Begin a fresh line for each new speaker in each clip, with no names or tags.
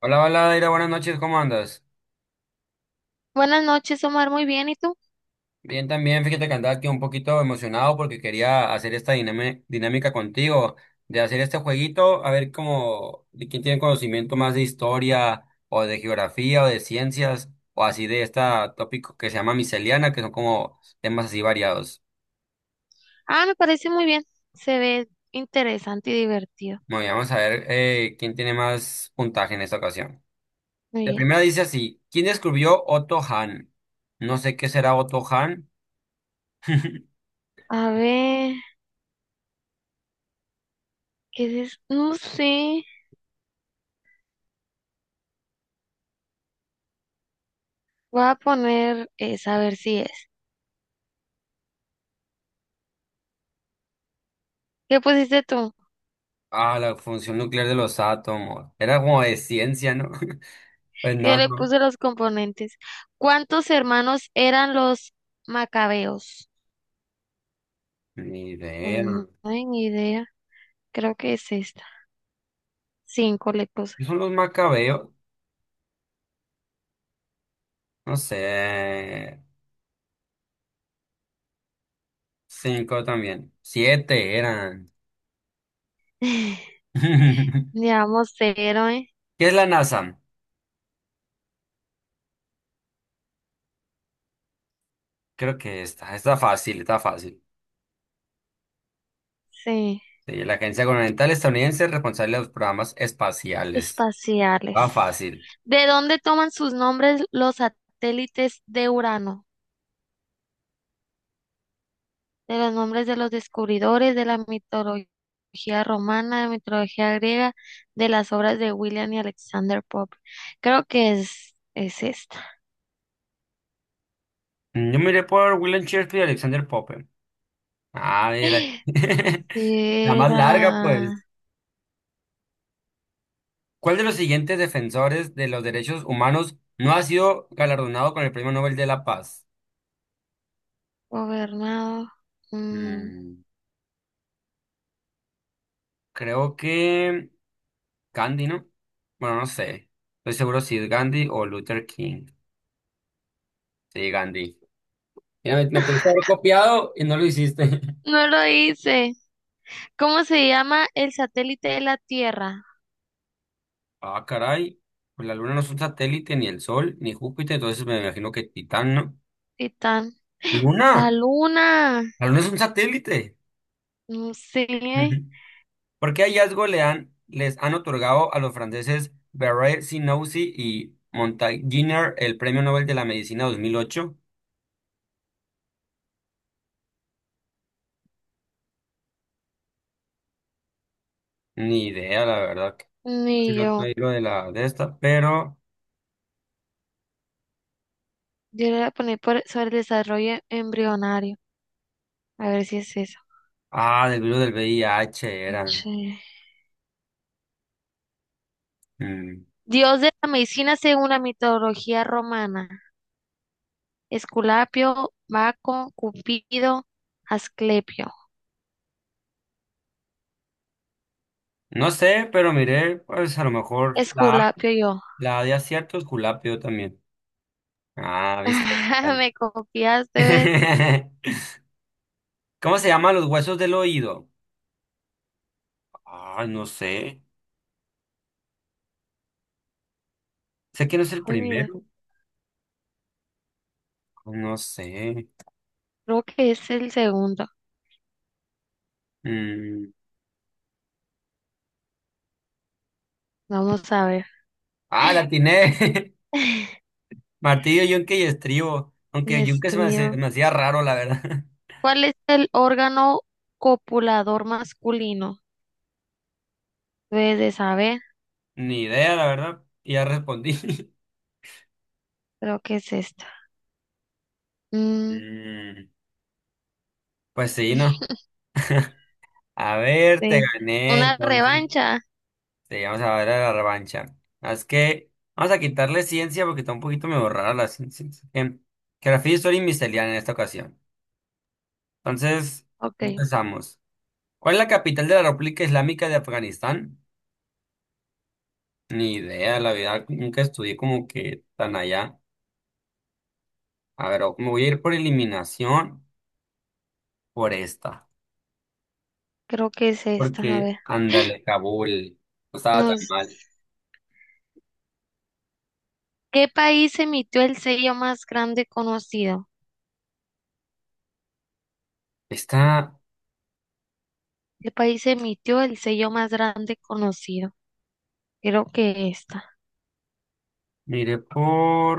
Hola, hola, Daira, buenas noches, ¿cómo andas?
Buenas noches, Omar. Muy bien. ¿Y tú?
Bien, también, fíjate que andaba aquí un poquito emocionado porque quería hacer esta dinámica contigo, de hacer este jueguito, a ver cómo, de quién tiene conocimiento más de historia, o de geografía, o de ciencias, o así de este tópico que se llama miscelánea, que son como temas así variados.
Ah, me parece muy bien. Se ve interesante y divertido.
Bueno, y vamos a ver quién tiene más puntaje en esta ocasión.
Muy
La
bien.
primera dice así, ¿quién descubrió Otto Hahn? No sé qué será Otto Hahn.
A ver, ¿qué es? No sé. Voy a poner es, a ver si es. ¿Qué pusiste tú?
Ah, la función nuclear de los átomos. Era como de ciencia, ¿no? Pues
Yo
no,
le
no.
puse los componentes. ¿Cuántos hermanos eran los macabeos?
Ni idea.
No hay ni idea. Creo que es esta. Cinco le puse.
¿Qué son los macabeos? No sé. Cinco también. Siete eran. ¿Qué
Llevamos cero, ¿eh?
es la NASA? Creo que está, está fácil, está fácil.
Sí.
Sí, la Agencia Gubernamental Estadounidense responsable de los programas espaciales. Va
Espaciales.
fácil.
¿De dónde toman sus nombres los satélites de Urano? De los nombres de los descubridores, de la mitología romana, de la mitología griega, de las obras de William y Alexander Pope. Creo que es esta.
Yo miré por William Shakespeare y Alexander Pope. Ah, mira.
Si
La más larga,
era
pues. ¿Cuál de los siguientes defensores de los derechos humanos no ha sido galardonado con el Premio Nobel de la Paz?
gobernado. mm,
Mm, creo que Gandhi, ¿no? Bueno, no sé. Estoy seguro si es Gandhi o Luther King. Sí, Gandhi. Mira, me pudiste haber copiado y no lo hiciste.
no lo hice. ¿Cómo se llama el satélite de la Tierra?
Ah, caray. Pues la Luna no es un satélite, ni el Sol, ni Júpiter, entonces me imagino que Titán, ¿no?
Titán. La
¿Luna?
luna.
¿La Luna es un satélite?
No sé.
¿Por qué hallazgo les han otorgado a los franceses Barré-Sinoussi y Montagnier el Premio Nobel de la Medicina 2008? Ni idea, la verdad. Que casi
Ni
no
yo.
estoy lo de la de esta, pero...
Yo le voy a poner por, sobre el desarrollo embrionario. A ver si es eso.
Ah, del virus del VIH
H.
eran. Mm.
Dios de la medicina según la mitología romana. Esculapio, Baco, Cupido, Asclepio.
No sé, pero miré, pues a lo mejor
Esculapio yo.
la A de aciertos, culapio también. Ah, viste. Ay.
Me copiaste, ¿ves?
¿Cómo se llaman los huesos del oído? Ah, no sé. Sé que no es el
Ay, mira,
primero. No sé.
creo que es el segundo.
Mm.
Vamos a ver.
Ah, la atiné. Martillo, yunque y estribo. Aunque
Dios
yunque
mío.
me hacía raro, la verdad.
¿Cuál es el órgano copulador masculino? Debes de saber.
Ni idea, la verdad. Y ya respondí.
Creo que es esta. Mm.
Mm, pues sí, ¿no? A ver, te
De
gané,
una
entonces.
revancha.
Sí, vamos a ver a la revancha. Ah, es que vamos a quitarle ciencia porque está un poquito me borrada la ciencia. Em, Geografía, historia y miscelánea en esta ocasión. Entonces,
Ok,
empezamos. ¿Cuál es la capital de la República Islámica de Afganistán? Ni idea, la verdad, nunca estudié como que tan allá. A ver, me voy a ir por eliminación por esta,
creo que es esta. A
porque
ver.
ándale, Kabul, no estaba tan
Nos,
mal.
¿qué país emitió el sello más grande conocido?
Esta,
¿Qué país emitió el sello más grande conocido? Creo que esta.
miré por,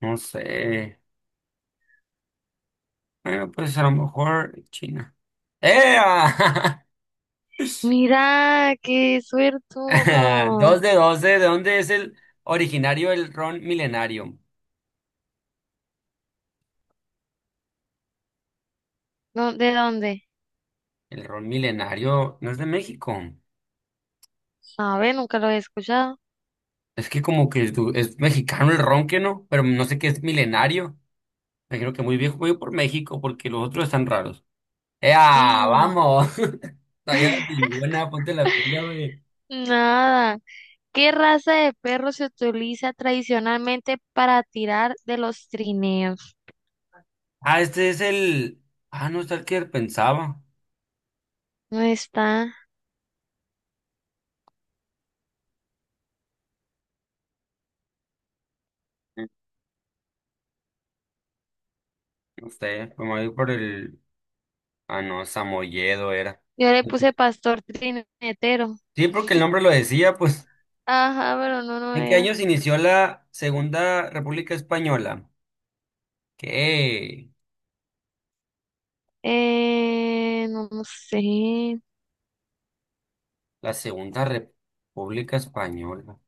no sé, bueno, pues a lo mejor China. ¡Eh!
Mira, qué
Ah,
suertudo.
dos de doce, ¿de dónde es el originario el ron milenario?
¿Dó- ¿De dónde?
El ron milenario no es de México.
A ver, nunca lo he escuchado.
Es que como que es mexicano el ron, que no? Pero no sé qué es milenario. Me creo que muy bien voy por México porque los otros están raros. ¡Ea! ¡Vamos! No llevas ninguna, ponte la pila, güey.
Nada. ¿Qué raza de perro se utiliza tradicionalmente para tirar de los trineos?
Ah, este es el. Ah, no, está el que pensaba.
No está.
No sé, me voy por el. Ah, no, Samoyedo era.
Yo le puse pastor trinetero.
Sí, porque el nombre lo decía, pues.
Ajá, pero no, no
¿En qué
era.
año se inició la Segunda República Española? ¿Qué?
No, no sé.
La Segunda República Española.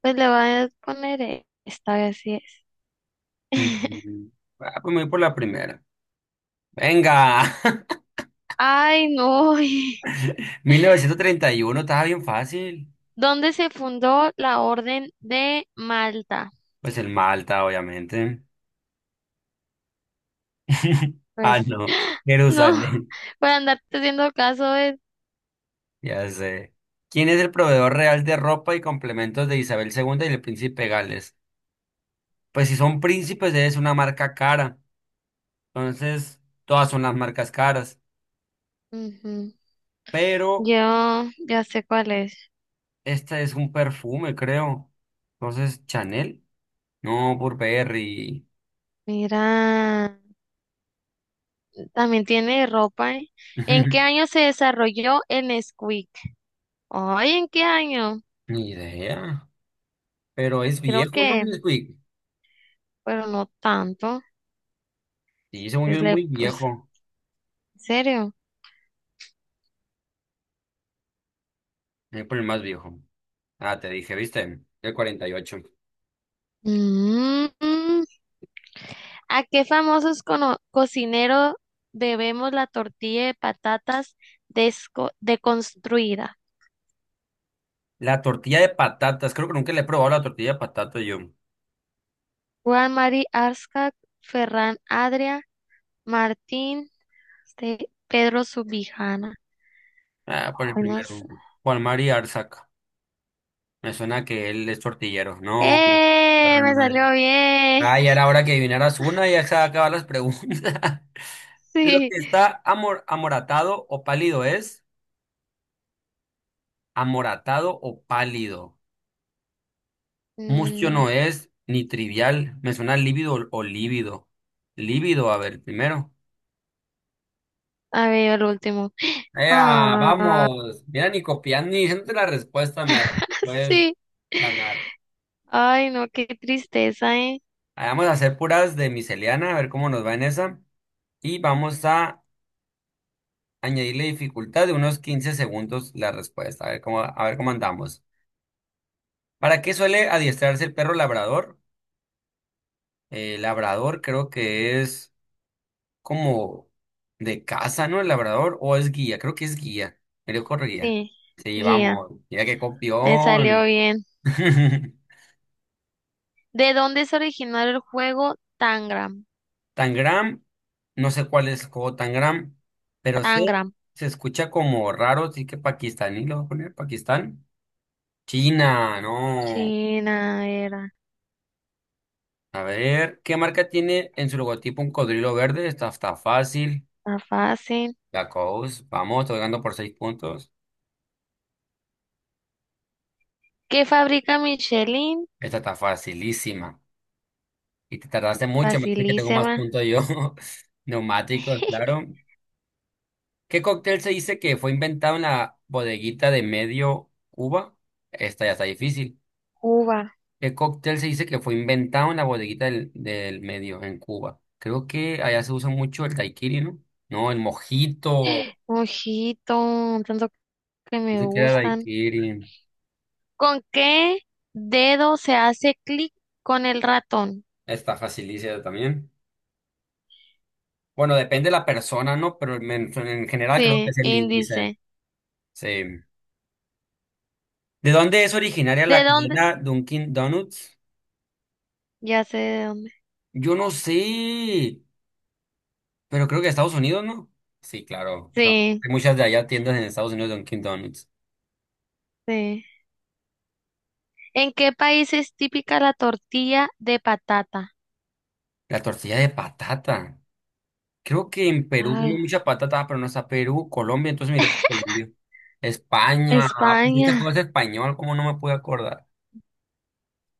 Pues le voy a poner esta vez sí es.
Mm. Ah, pues me voy por la primera. ¡Venga!
Ay, no.
1931 estaba bien fácil.
¿Dónde se fundó la Orden de Malta?
Pues el Malta, obviamente. Ah,
Pues
no,
no,
Jerusalén,
por andarte haciendo caso es...
ya sé. ¿Quién es el proveedor real de ropa y complementos de Isabel II y el príncipe Gales? Pues si son príncipes es una marca cara, entonces todas son las marcas caras,
Ujú.
pero
Yo ya sé cuál es.
este es un perfume, creo. Entonces, Chanel, no, Burberry,
Mira, también tiene ropa, ¿eh? ¿En qué año se desarrolló el Nesquik? Ay, ¿en qué año?
ni idea, pero es
Creo
viejo, ¿no?
que,
¿Nesquik?
pero no tanto.
Sí, según yo
Entonces
es
le
muy
puse,
viejo.
¿en serio?
Voy por el más viejo. Ah, te dije, ¿viste? El 48.
Mm, ¿A qué famosos cocinero debemos la tortilla de patatas deconstruida?
La tortilla de patatas. Creo que nunca le he probado la tortilla de patatas yo.
Juan Mari Arzak, Ferran Adria, Martín, este, Pedro Subijana.
Ah, por el
Ay, no sé.
primero. Juan Mari Arzac. Me suena que él es tortillero. No,
¡Eh!
perra
Me
madre.
salió bien.
Ah, ya era hora que adivinaras una, ya se acaban las preguntas. Lo
Sí.
que está amor, amoratado o pálido es amoratado o pálido. Mustio
Mm,
no es ni trivial. Me suena lívido o lívido. Lívido, a ver, primero.
a ver, el último.
Ea,
Ah,
vamos. Mira, ni copiando ni diciendo la respuesta, me me puedes
sí.
ganar.
Ay, no, qué tristeza, ¿eh?
Ah, vamos a hacer puras de miscelánea, a ver cómo nos va en esa. Y vamos a añadirle dificultad de unos 15 segundos la respuesta, a ver cómo andamos. ¿Para qué suele adiestrarse el perro labrador? Labrador creo que es como de casa, ¿no? El labrador, o es guía, creo que es guía. Me dio guía.
Sí,
Sí,
guía,
vamos. Mira qué
me salió
copión.
bien. ¿De dónde se originó el juego Tangram?
Tangram, no sé cuál es el juego Tangram, pero sé,
Tangram.
se escucha como raro, sí que pakistaní, lo voy a poner, Pakistán. China, no.
China era.
A ver, ¿qué marca tiene en su logotipo un cocodrilo verde? Esta está fácil.
Está fácil.
Lacoste, vamos, estoy ganando por seis puntos.
¿Qué fabrica Michelin?
Esta está facilísima. Y te tardaste mucho, me dice que tengo más
Facilísima.
puntos yo. Neumáticos, claro. ¿Qué cóctel se dice que fue inventado en la bodeguita de Medio Cuba? Esta ya está difícil.
Cuba.
El cóctel se dice que fue inventado en la bodeguita del medio, en Cuba. Creo que allá se usa mucho el daiquiri, ¿no? No, el mojito.
Ojito, tanto que
No
me
sé qué era
gustan.
daiquiri.
¿Con qué dedo se hace clic con el ratón?
Está facilísima también. Bueno, depende de la persona, ¿no? Pero en general creo que
Sí,
es el índice.
índice.
Sí. ¿De dónde es originaria la
¿De dónde?
cadena Dunkin' Donuts?
Ya sé de dónde.
Yo no sé, pero creo que de Estados Unidos, ¿no? Sí, claro. O sea,
Sí,
hay muchas de allá tiendas en Estados Unidos de Dunkin' Donuts.
sí. ¿En qué país es típica la tortilla de patata?
La tortilla de patata. Creo que en Perú comen
Ay,
mucha patata, pero no está Perú, Colombia, entonces mire por Colombia. España, ah, pues esta
España.
cosa es español, ¿cómo no me puedo acordar?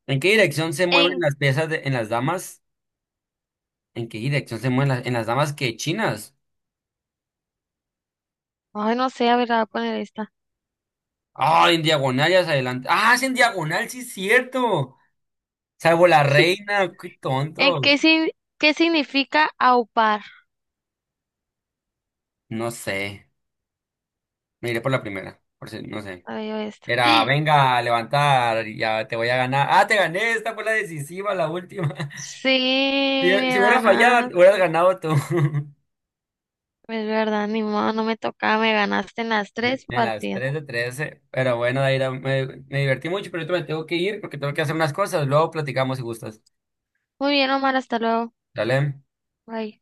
¿En qué dirección se mueven
En,
las piezas en las damas? ¿En qué dirección se mueven las, en las damas que chinas?
ay, no sé, a ver, la voy a poner esta.
Ah, en diagonal y hacia adelante. Ah, es en diagonal, sí es cierto. Salvo la reina, qué
¿En qué,
tontos.
qué significa aupar?
No sé. Me iré por la primera, por si, no sé.
Ay, yo esta.
Era, venga, a levantar, ya te voy a ganar. Ah, te gané, esta fue la decisiva, la última.
Sí,
Si
me
hubiera fallado,
ganaste.
hubieras ganado tú.
Es verdad, ni modo, no me tocaba, me ganaste en las tres
En las
partidas.
3 de 13. Pero bueno, Daira, me divertí mucho, pero ahorita me tengo que ir porque tengo que hacer unas cosas. Luego platicamos si gustas.
Muy bien, Omar, hasta luego.
Dale.
Bye.